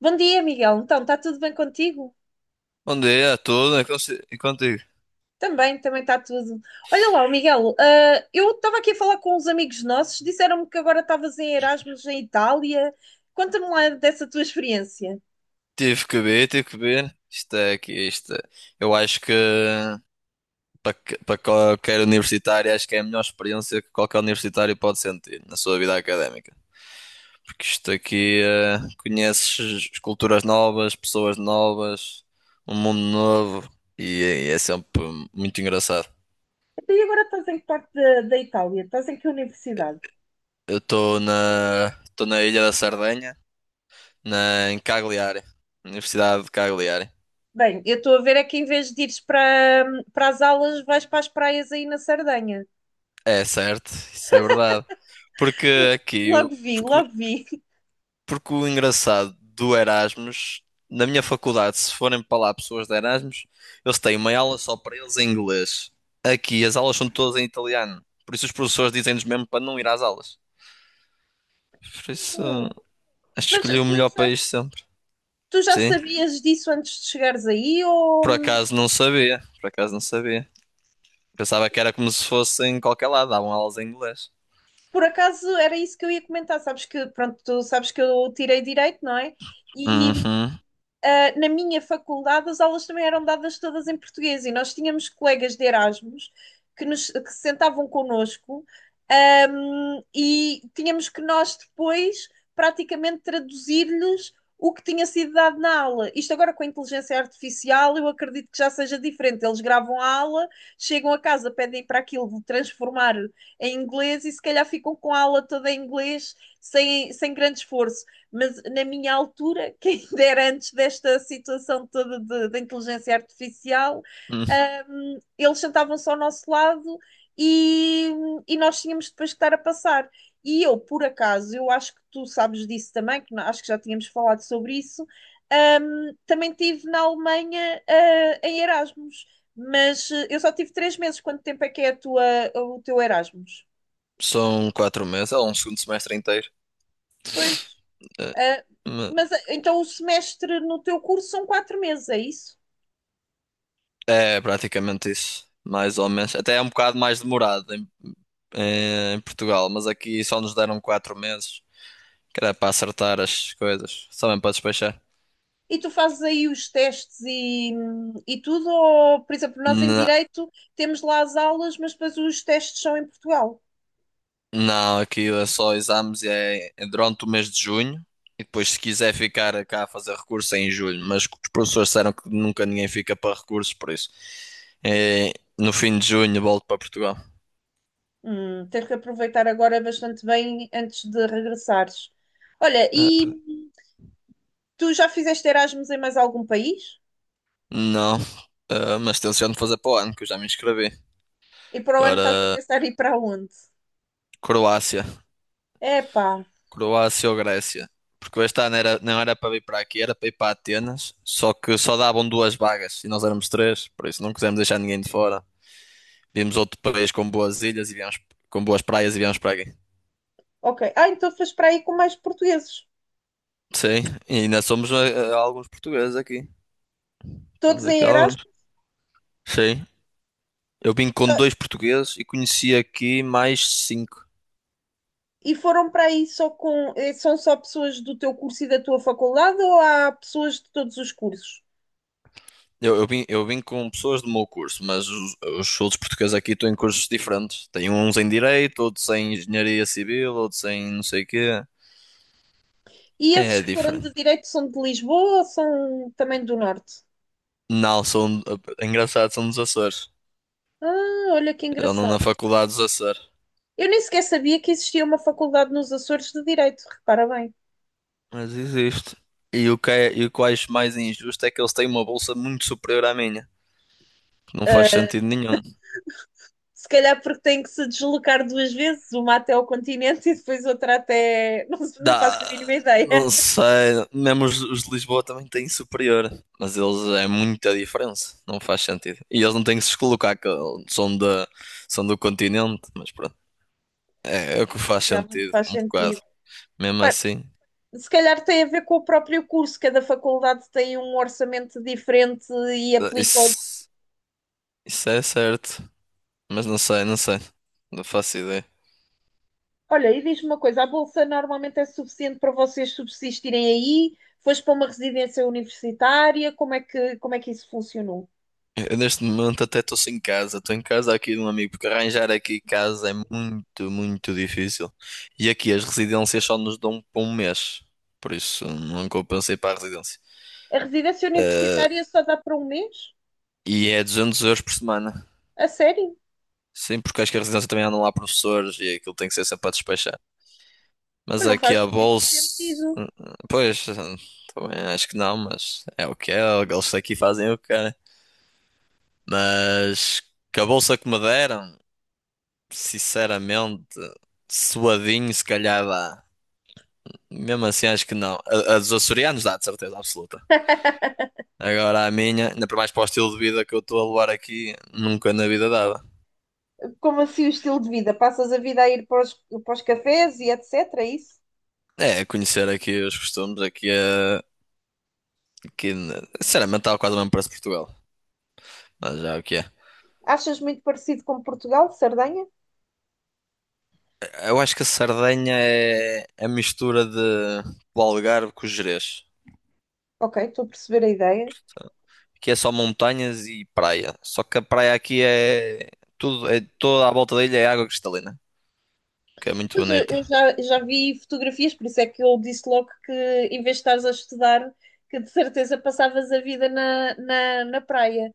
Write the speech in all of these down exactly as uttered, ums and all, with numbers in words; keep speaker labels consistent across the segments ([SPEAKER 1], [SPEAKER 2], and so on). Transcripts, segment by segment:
[SPEAKER 1] Bom dia, Miguel. Então, está tudo bem contigo?
[SPEAKER 2] Bom dia a todos. É consi- E contigo?
[SPEAKER 1] Também, também está tudo. Olha lá, o Miguel, ah, eu estava aqui a falar com uns amigos nossos, disseram-me que agora estavas em Erasmus em Itália. Conta-me lá dessa tua experiência.
[SPEAKER 2] Tive que ver, tive que ver. Isto é aqui. isto é- Eu acho que para, que- para qualquer universitário, acho que é a melhor experiência que qualquer universitário pode sentir na sua vida académica. Porque isto aqui, eh, conheces culturas novas, pessoas novas, um mundo novo e é, e é sempre muito engraçado.
[SPEAKER 1] Então, e agora estás em que parte da, da Itália? Estás em que universidade?
[SPEAKER 2] Eu estou na, estou na Ilha da Sardenha, na, em Cagliari, Universidade de Cagliari.
[SPEAKER 1] Bem, eu estou a ver é que em vez de ires para, para as aulas, vais para as praias aí na Sardenha.
[SPEAKER 2] É certo, isso é verdade. Porque
[SPEAKER 1] L-
[SPEAKER 2] aqui, eu-
[SPEAKER 1] Logo vi,
[SPEAKER 2] porque,
[SPEAKER 1] logo vi.
[SPEAKER 2] porque o engraçado do Erasmus, na minha faculdade, se forem para lá pessoas de Erasmus, eles têm uma aula só para eles em inglês. Aqui as aulas são todas em italiano. Por isso os professores dizem-nos mesmo para não ir às aulas. Por isso, acho que
[SPEAKER 1] Mas
[SPEAKER 2] escolhi o
[SPEAKER 1] tu
[SPEAKER 2] melhor
[SPEAKER 1] já,
[SPEAKER 2] país sempre.
[SPEAKER 1] tu já
[SPEAKER 2] Sim,
[SPEAKER 1] sabias disso antes de chegares aí ou.
[SPEAKER 2] por acaso não sabia. Por acaso não sabia. Pensava que era como se fosse em qualquer lado, davam aulas em inglês.
[SPEAKER 1] Por acaso era isso que eu ia comentar, sabes que, pronto, tu sabes que eu tirei direito, não é? E.
[SPEAKER 2] Uhum.
[SPEAKER 1] Uh, na minha faculdade as aulas também eram dadas todas em português e nós tínhamos colegas de Erasmus que, nos, que se sentavam connosco, um, e tínhamos que nós depois praticamente traduzir-lhes o que tinha sido dado na aula. Isto agora com a inteligência artificial, eu acredito que já seja diferente. Eles gravam a aula, chegam a casa, pedem para aquilo de transformar em inglês e se calhar ficam com a aula toda em inglês sem, sem grande esforço, mas na minha altura, que ainda era antes desta situação toda de- da inteligência artificial,
[SPEAKER 2] Uhum.
[SPEAKER 1] hum, eles sentavam-se ao nosso lado e, e nós tínhamos depois que estar a passar. E eu, por acaso, eu acho que tu sabes disso também, que na- acho que já tínhamos falado sobre isso. Hum, também tive na Alemanha, ah, em Erasmus, mas eh, eu só tive três meses. Quanto tempo é que é a tua, o teu Erasmus?
[SPEAKER 2] São quatro meses, é um segundo semestre inteiro.
[SPEAKER 1] Pois.
[SPEAKER 2] Eh,
[SPEAKER 1] Ah,
[SPEAKER 2] Me-
[SPEAKER 1] mas ah, então o semestre no teu curso são quatro meses, é isso?
[SPEAKER 2] É praticamente isso, mais ou menos. Até é um bocado mais demorado em, eh, em Portugal, mas aqui só nos deram quatro meses, que era para acertar as coisas, só mesmo para despachar.
[SPEAKER 1] E tu fazes aí os testes e, e tudo? Ou, por exemplo, nós em
[SPEAKER 2] Não,
[SPEAKER 1] Direito temos lá as aulas, mas depois os testes são em Portugal.
[SPEAKER 2] não, aqui é só exames é, é durante o mês de junho e depois se quiser ficar cá a fazer recurso é em julho, mas os professores disseram que nunca ninguém fica para recursos, por isso é, no fim de junho volto para Portugal.
[SPEAKER 1] Hum, tens que aproveitar agora bastante bem antes de regressares. Olha,
[SPEAKER 2] É,
[SPEAKER 1] e
[SPEAKER 2] pá.
[SPEAKER 1] tu já fizeste Erasmus em mais algum país?
[SPEAKER 2] Não, ah, mas tenciono fazer para o ano, que eu já me inscrevi.
[SPEAKER 1] E para o ano estás a
[SPEAKER 2] Agora,
[SPEAKER 1] pensar em ir para onde?
[SPEAKER 2] Croácia.
[SPEAKER 1] Epá,
[SPEAKER 2] Croácia ou Grécia? Porque este ano era, não era para vir para aqui, era para ir para Atenas. Só que só davam duas vagas e nós éramos três, por isso não quisemos deixar ninguém de fora. Vimos outro país com boas ilhas e viemos, com boas praias e viemos para aqui.
[SPEAKER 1] ok. Ah, então fez para aí com mais portugueses.
[SPEAKER 2] Sim, e ainda somos eh, eh, alguns portugueses aqui.
[SPEAKER 1] Todos
[SPEAKER 2] Estamos
[SPEAKER 1] em
[SPEAKER 2] aqui alguns.
[SPEAKER 1] Erasmus?
[SPEAKER 2] Sim, eu vim com dois portugueses e conheci aqui mais cinco.
[SPEAKER 1] E foram para aí só com. eh, São só pessoas do teu curso e da tua faculdade ou há pessoas de todos os cursos?
[SPEAKER 2] Eu, eu vim, eu vim com pessoas do meu curso, mas os, os outros portugueses aqui estão em cursos diferentes. Tem uns em Direito, outros em Engenharia Civil, outros em não sei o quê.
[SPEAKER 1] E esses
[SPEAKER 2] É
[SPEAKER 1] que foram de
[SPEAKER 2] diferente.
[SPEAKER 1] direito são de Lisboa ou são também do Norte?
[SPEAKER 2] Não, são, é engraçado, são dos Açores.
[SPEAKER 1] Ah, olha que
[SPEAKER 2] Eu ando
[SPEAKER 1] engraçado.
[SPEAKER 2] na faculdade dos Açores.
[SPEAKER 1] Eu nem sequer sabia que existia uma faculdade nos Açores de Direito, repara bem.
[SPEAKER 2] Mas existe. E o que é, e o que eu acho mais injusto é que eles têm uma bolsa muito superior à minha. Não faz sentido nenhum.
[SPEAKER 1] Se calhar porque tem que se deslocar duas vezes, uma até ao continente e depois outra até. Não, não faço
[SPEAKER 2] Dá,
[SPEAKER 1] a mínima ideia.
[SPEAKER 2] não sei, mesmo os, os de Lisboa também têm superior, mas eles é muita diferença, não faz sentido. E eles não têm que se colocar, que são, da são do continente, mas pronto, é, é o que faz
[SPEAKER 1] Realmente
[SPEAKER 2] sentido,
[SPEAKER 1] faz
[SPEAKER 2] um bocado.
[SPEAKER 1] sentido.
[SPEAKER 2] Mesmo
[SPEAKER 1] Pá,
[SPEAKER 2] assim,
[SPEAKER 1] se calhar tem a ver com o próprio curso, cada faculdade tem um orçamento diferente e aplica ao-
[SPEAKER 2] isso, isso é certo, mas não sei, não sei, não faço ideia.
[SPEAKER 1] Olha, e diz-me uma coisa: a bolsa normalmente é suficiente para vocês subsistirem aí? Foste para uma residência universitária? Como é que, como é que isso funcionou?
[SPEAKER 2] Eu neste momento até estou sem casa. Estou em casa aqui de um amigo, porque arranjar aqui casa é muito, muito difícil. E aqui as residências só nos dão por um mês. Por isso não compensei para a residência.
[SPEAKER 1] A residência universitária só dá para um mês?
[SPEAKER 2] E é duzentos euros por semana.
[SPEAKER 1] A sério?
[SPEAKER 2] Sim, porque acho que a residência também andam lá professores e aquilo tem que ser sempre a despachar. Mas
[SPEAKER 1] Mas não
[SPEAKER 2] aqui
[SPEAKER 1] faz
[SPEAKER 2] a
[SPEAKER 1] muito
[SPEAKER 2] bolsa.
[SPEAKER 1] sentido.
[SPEAKER 2] hum, Pois, hum, também acho que não, mas é o que é. Eles aqui fazem o que querem. Mas que a bolsa que me deram. Sinceramente, suadinho, se calhar dá. Mesmo assim, acho que não. A, a dos açorianos dá, de certeza absoluta. Agora a minha, ainda para mais para o estilo de vida que eu estou a levar aqui, nunca na vida dava.
[SPEAKER 1] Como assim o estilo de vida? Passas a vida a ir para os, para os cafés e etcetera. É isso?
[SPEAKER 2] É, conhecer aqui os costumes, aqui, é aqui na- sinceramente, está quase o mesmo preço de Portugal. Mas já é o que é.
[SPEAKER 1] Achas muito parecido com Portugal, Sardenha?
[SPEAKER 2] Eu acho que a Sardenha é é a mistura de do Algarve com o Gerês.
[SPEAKER 1] Ok, estou a perceber a ideia.
[SPEAKER 2] Aqui é só montanhas e praia. Só que a praia aqui é tudo, é toda à volta da ilha é água cristalina. Que é muito
[SPEAKER 1] Pois eu eu
[SPEAKER 2] bonita.
[SPEAKER 1] já, já vi fotografias, por isso é que eu disse logo que em vez de estares a estudar, que de certeza passavas a vida na, na, na praia.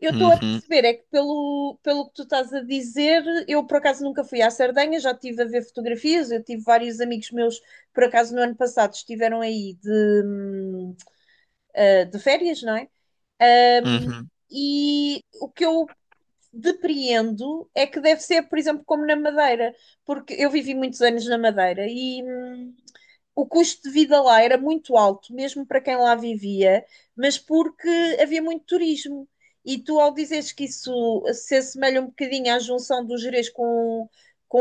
[SPEAKER 1] Eu estou a
[SPEAKER 2] Uhum,
[SPEAKER 1] perceber, é que pelo, pelo que tu estás a dizer, eu por acaso nunca fui à Sardenha, já estive a ver fotografias, eu tive vários amigos meus, por acaso no ano passado, estiveram aí de, hum, eh, de férias, não é?
[SPEAKER 2] uhum.
[SPEAKER 1] E o que eu depreendo é que deve ser, por exemplo, como na Madeira, porque eu vivi muitos anos na Madeira e. hum, O custo de vida lá era muito alto, mesmo para quem lá vivia, mas porque havia muito turismo. E tu, ao dizeres que isso se assemelha um bocadinho à junção do Gerês com, com,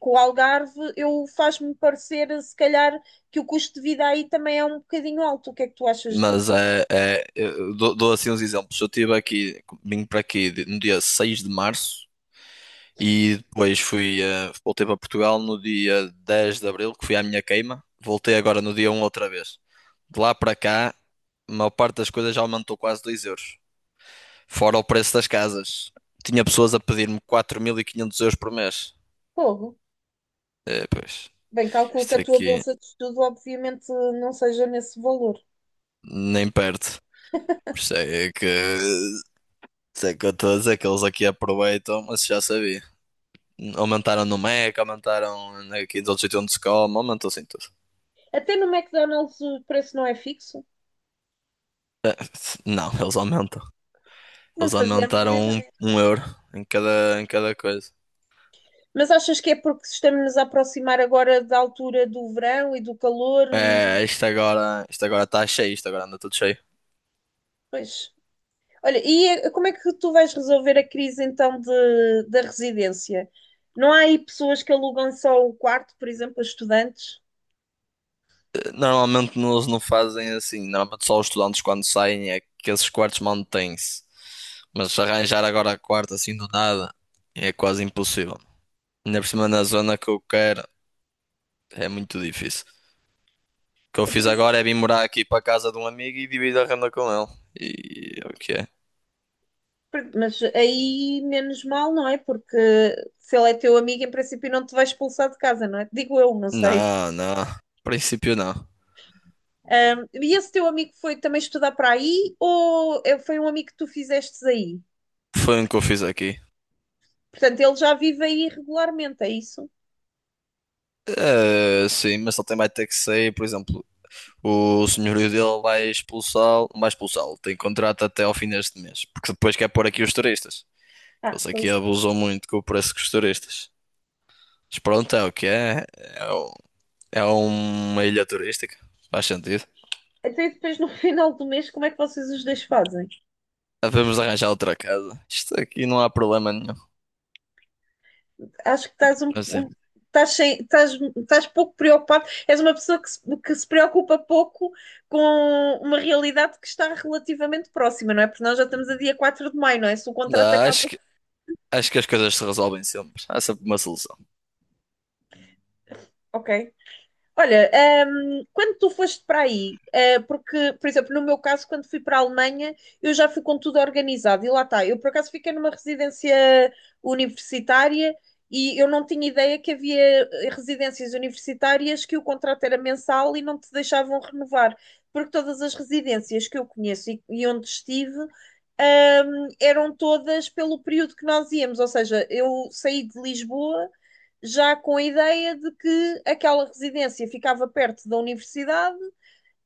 [SPEAKER 1] com o Algarve, eu faz-me parecer, se calhar, que o custo de vida aí também é um bocadinho alto. O que é que tu achas
[SPEAKER 2] Mas
[SPEAKER 1] disso?
[SPEAKER 2] é, é eu dou, dou assim uns exemplos. Eu estive aqui, vim para aqui de- no dia seis de março e depois fui, eh, voltei para Portugal no dia dez de abril, que fui à minha queima. Voltei agora no dia um outra vez. De lá para cá, a maior parte das coisas já aumentou quase dois euros. Fora o preço das casas. Tinha pessoas a pedir-me quatro mil e quinhentos euros por mês.
[SPEAKER 1] Fogo.
[SPEAKER 2] É, pois,
[SPEAKER 1] Bem, calculo que
[SPEAKER 2] isto
[SPEAKER 1] a tua
[SPEAKER 2] aqui
[SPEAKER 1] bolsa de estudo, obviamente, não seja nesse valor.
[SPEAKER 2] nem perto. Por isso é que sei que eu estou a dizer que eles aqui aproveitam, mas já sabia. Aumentaram no Mac, aumentaram aqui dos outros sítios onde se come, aumentou assim tudo.
[SPEAKER 1] Até no McDonald's o preço não é fixo.
[SPEAKER 2] É, não, eles aumentam.
[SPEAKER 1] Não
[SPEAKER 2] Eles
[SPEAKER 1] fazia a mínima
[SPEAKER 2] aumentaram um,
[SPEAKER 1] ideia.
[SPEAKER 2] um euro em cada, em cada coisa.
[SPEAKER 1] Mas achas que é porque estamos-nos a aproximar agora da altura do verão e do calor e.
[SPEAKER 2] É, isto agora, isto agora está cheio, isto agora anda tudo cheio.
[SPEAKER 1] Pois. Olha, e eh, como é que tu vais resolver a crise então de, da residência? Não há aí pessoas que alugam só o quarto, por exemplo, a estudantes?
[SPEAKER 2] Eh, Normalmente eles não fazem assim. Normalmente só os estudantes quando saem é que esses quartos mantêm-se. Mas arranjar agora quarto assim do nada é quase impossível. Ainda por cima na zona que eu quero é muito difícil. O que eu fiz agora é vir morar aqui para casa de um amigo e dividir a renda com ele. E é o que é?
[SPEAKER 1] Mas aí menos mal, não é? Porque se ele é teu amigo, em princípio não te vai expulsar de casa, não é? Digo eu, não sei.
[SPEAKER 2] Não, não. Em princípio não.
[SPEAKER 1] E esse teu amigo foi também estudar para aí ou é- foi um amigo que tu fizestes aí?
[SPEAKER 2] Foi um que eu fiz aqui.
[SPEAKER 1] Portanto, ele já vive aí regularmente, é isso?
[SPEAKER 2] Eh, sim, mas ele também vai ter que sair, por exemplo, o senhorio dele vai expulsá-lo, não vai expulsá-lo, tem contrato até ao fim deste mês, porque depois quer pôr aqui os turistas.
[SPEAKER 1] Ah,
[SPEAKER 2] Eles aqui
[SPEAKER 1] pois.
[SPEAKER 2] abusam muito com o preço dos turistas. Mas pronto, é o que é. É, o- é uma ilha turística, faz sentido.
[SPEAKER 1] Até depois no final do mês, como é que vocês os dois fazem?
[SPEAKER 2] Devemos arranjar outra casa. Isto aqui não há problema nenhum.
[SPEAKER 1] Acho que estás um,
[SPEAKER 2] Mas é.
[SPEAKER 1] um- estás, sem- estás- estás pouco preocupado. És uma pessoa que se, que se preocupa pouco com uma realidade que está relativamente próxima, não é? Porque nós já estamos a dia quatro de maio, não é? Se o contrato
[SPEAKER 2] Não,
[SPEAKER 1] acaba.
[SPEAKER 2] acho que, acho que as coisas se resolvem sempre. Há sempre uma solução.
[SPEAKER 1] Ok. Olha, ehm, quando tu foste para aí, eh, porque, por exemplo, no meu caso, quando fui para a Alemanha, eu já fui com tudo organizado e lá está. Eu, por acaso, fiquei numa residência universitária e eu não tinha ideia que havia eh, residências universitárias que o contrato era mensal e não te deixavam renovar, porque todas as residências que eu conheço e, e onde estive, ehm, eram todas pelo período que nós íamos, ou seja, eu saí de Lisboa já com a ideia de que aquela residência ficava perto da universidade,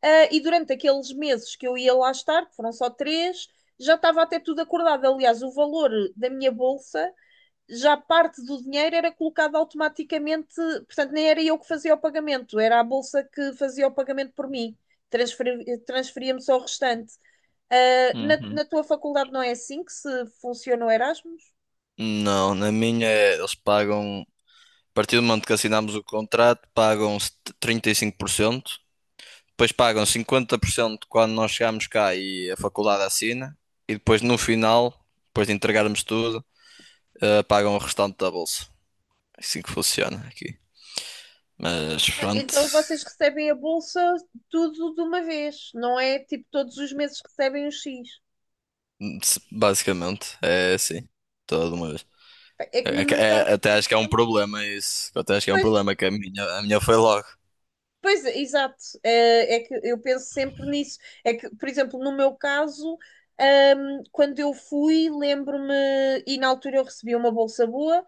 [SPEAKER 1] ah, e durante aqueles meses que eu ia lá estar, que foram só três, já estava até tudo acordado. Aliás, o valor da minha bolsa, já parte do dinheiro era colocado automaticamente, portanto, nem era eu que fazia o pagamento, era a bolsa que fazia o pagamento por mim. Transferi- transferia-me transferia só o restante. Ah, na,
[SPEAKER 2] Uhum.
[SPEAKER 1] na tua faculdade não é assim que se funciona o Erasmus?
[SPEAKER 2] Não, na minha é, eles pagam, a partir do momento que assinamos o contrato, pagam trinta e cinco por cento, depois pagam cinquenta por cento quando nós chegamos cá e a faculdade assina, e depois no final, depois de entregarmos tudo, eh, pagam o restante da bolsa. É assim que funciona aqui. Mas
[SPEAKER 1] Ah,
[SPEAKER 2] pronto,
[SPEAKER 1] Então vocês recebem a bolsa tudo de uma vez, não é tipo todos os meses recebem um X.
[SPEAKER 2] basicamente é assim, toda uma vez.
[SPEAKER 1] É que no
[SPEAKER 2] É que-
[SPEAKER 1] meu
[SPEAKER 2] é-
[SPEAKER 1] caso, por
[SPEAKER 2] até acho que é um
[SPEAKER 1] exemplo,
[SPEAKER 2] problema isso. Eu até acho que é um
[SPEAKER 1] pois,
[SPEAKER 2] problema que a minha, a minha foi logo.
[SPEAKER 1] pois, exato, é, é que eu penso sempre nisso. É que, por exemplo, no meu caso, ahm, quando eu fui, lembro-me, e na altura eu recebi uma bolsa boa.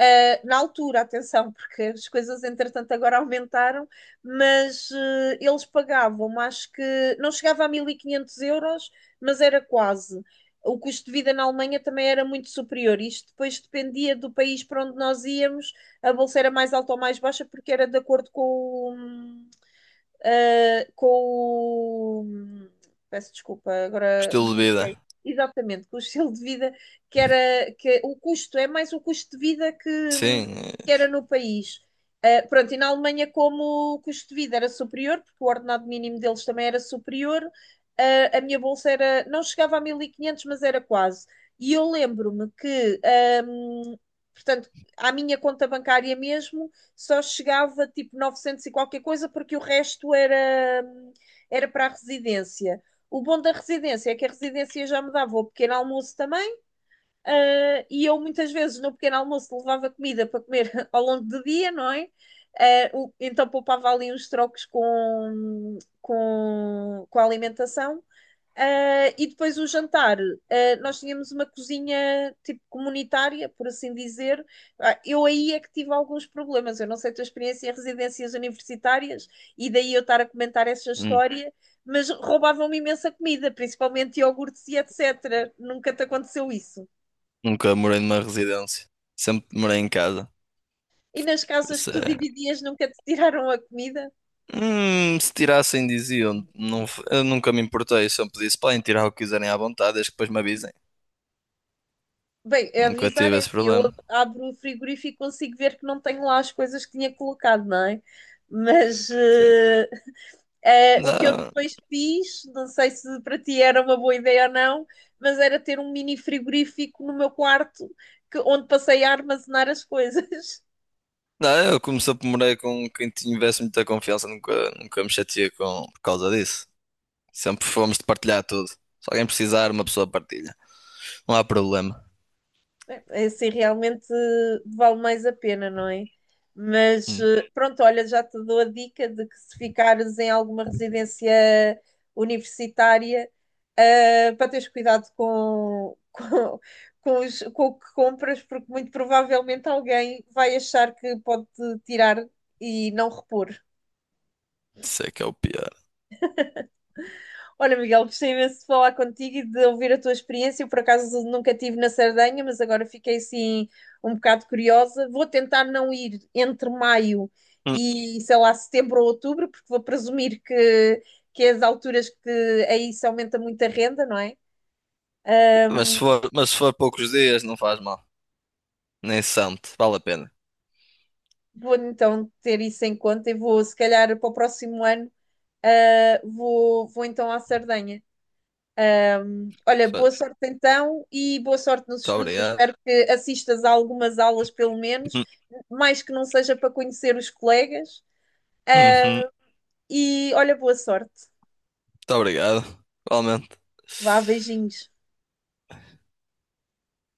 [SPEAKER 1] Uh, na altura, atenção, porque as coisas entretanto agora aumentaram, mas uh, eles pagavam, acho que não chegava a mil e quinhentos euros, mas era quase. O custo de vida na Alemanha também era muito superior. Isto depois dependia do país para onde nós íamos, a bolsa era mais alta ou mais baixa, porque era de acordo com o, ah, com o. Peço desculpa, agora
[SPEAKER 2] Estilo de
[SPEAKER 1] bloqueei.
[SPEAKER 2] vida.
[SPEAKER 1] Exatamente, com o estilo de vida que era. Que, o custo, é mais o custo de vida que,
[SPEAKER 2] Sim, eh,
[SPEAKER 1] que era no país. Uh, pronto, e na Alemanha, como o custo de vida era superior, porque o ordenado mínimo deles também era superior, uh, a minha bolsa era, não chegava a mil e quinhentos mas era quase. E eu lembro-me que, um, portanto, à minha conta bancária mesmo, só chegava tipo novecentos e qualquer coisa, porque o resto era, era para a residência. O bom da residência é que a residência já me dava o pequeno almoço também, ah, e eu muitas vezes no pequeno almoço levava comida para comer ao longo do dia, não é? Ah, então poupava ali uns trocos com, com, com a alimentação, ah, e depois o jantar, ah, nós tínhamos uma cozinha tipo comunitária, por assim dizer. Ah, eu aí é que tive alguns problemas. Eu não sei a tua experiência em residências universitárias e daí eu estar a comentar essa
[SPEAKER 2] nun-
[SPEAKER 1] história, mas roubavam-me imensa comida, principalmente iogurtes e etcetera. Nunca te aconteceu isso?
[SPEAKER 2] nunca morei numa residência. Sempre morei em casa.
[SPEAKER 1] E nas
[SPEAKER 2] Por
[SPEAKER 1] casas que
[SPEAKER 2] isso
[SPEAKER 1] tu
[SPEAKER 2] é.
[SPEAKER 1] dividias, nunca te tiraram a comida?
[SPEAKER 2] Hum, se tirassem, diziam. Não, f- eu nunca me importei. Sempre disse, podem tirar o que quiserem à vontade, desde que depois me avisem.
[SPEAKER 1] Bem, é
[SPEAKER 2] Nunca
[SPEAKER 1] avisar
[SPEAKER 2] tive
[SPEAKER 1] é
[SPEAKER 2] esse
[SPEAKER 1] assim, eu
[SPEAKER 2] problema.
[SPEAKER 1] ab- abro o frigorífico e consigo ver que não tenho lá as coisas que tinha colocado, não é? Mas
[SPEAKER 2] Sim.
[SPEAKER 1] ah, Eh, o que eu
[SPEAKER 2] Não,
[SPEAKER 1] depois fiz, não sei se para ti era uma boa ideia ou não, mas era ter um mini frigorífico no meu quarto, que, onde passei a armazenar as coisas.
[SPEAKER 2] não, eu como sempre morei com quem tivesse muita confiança, nunca, nunca me chateei com, por causa disso. Sempre fomos de partilhar tudo. Se alguém precisar, uma pessoa partilha. Não há problema.
[SPEAKER 1] É, é assim realmente vale mais a pena, não é? Mas
[SPEAKER 2] Hum,
[SPEAKER 1] eh, pronto, olha, já te dou a dica de que se ficares em alguma residência universitária, eh, para teres cuidado com, com, com os- com o que compras, porque muito provavelmente alguém vai achar que pode tirar e não repor.
[SPEAKER 2] Isso é que é o pior.
[SPEAKER 1] Olha, Miguel, gostei imenso de falar contigo e de ouvir a tua experiência. Eu, por acaso, nunca estive na Sardenha, mas agora fiquei assim um bocado curiosa. Vou tentar não ir entre maio
[SPEAKER 2] Hum,
[SPEAKER 1] e, sei lá, setembro ou outubro, porque vou presumir que, que é as alturas que aí se aumenta muito a renda, não é?
[SPEAKER 2] Mas se for, mas se for poucos dias, não faz mal. Nem se sente. Vale a pena.
[SPEAKER 1] Vou então ter isso em conta e vou, se calhar, para o próximo ano, ah, vou, vou então à Sardenha. Olha,
[SPEAKER 2] Muito
[SPEAKER 1] boa sorte então e boa sorte nos estudos. Eu
[SPEAKER 2] obrigado.
[SPEAKER 1] espero que assistas a algumas aulas, pelo menos,
[SPEAKER 2] Hum,
[SPEAKER 1] mais que não seja para conhecer os colegas.
[SPEAKER 2] uhum.
[SPEAKER 1] Ah, e olha, boa sorte.
[SPEAKER 2] Muito obrigado. Igualmente.
[SPEAKER 1] Vá, beijinhos.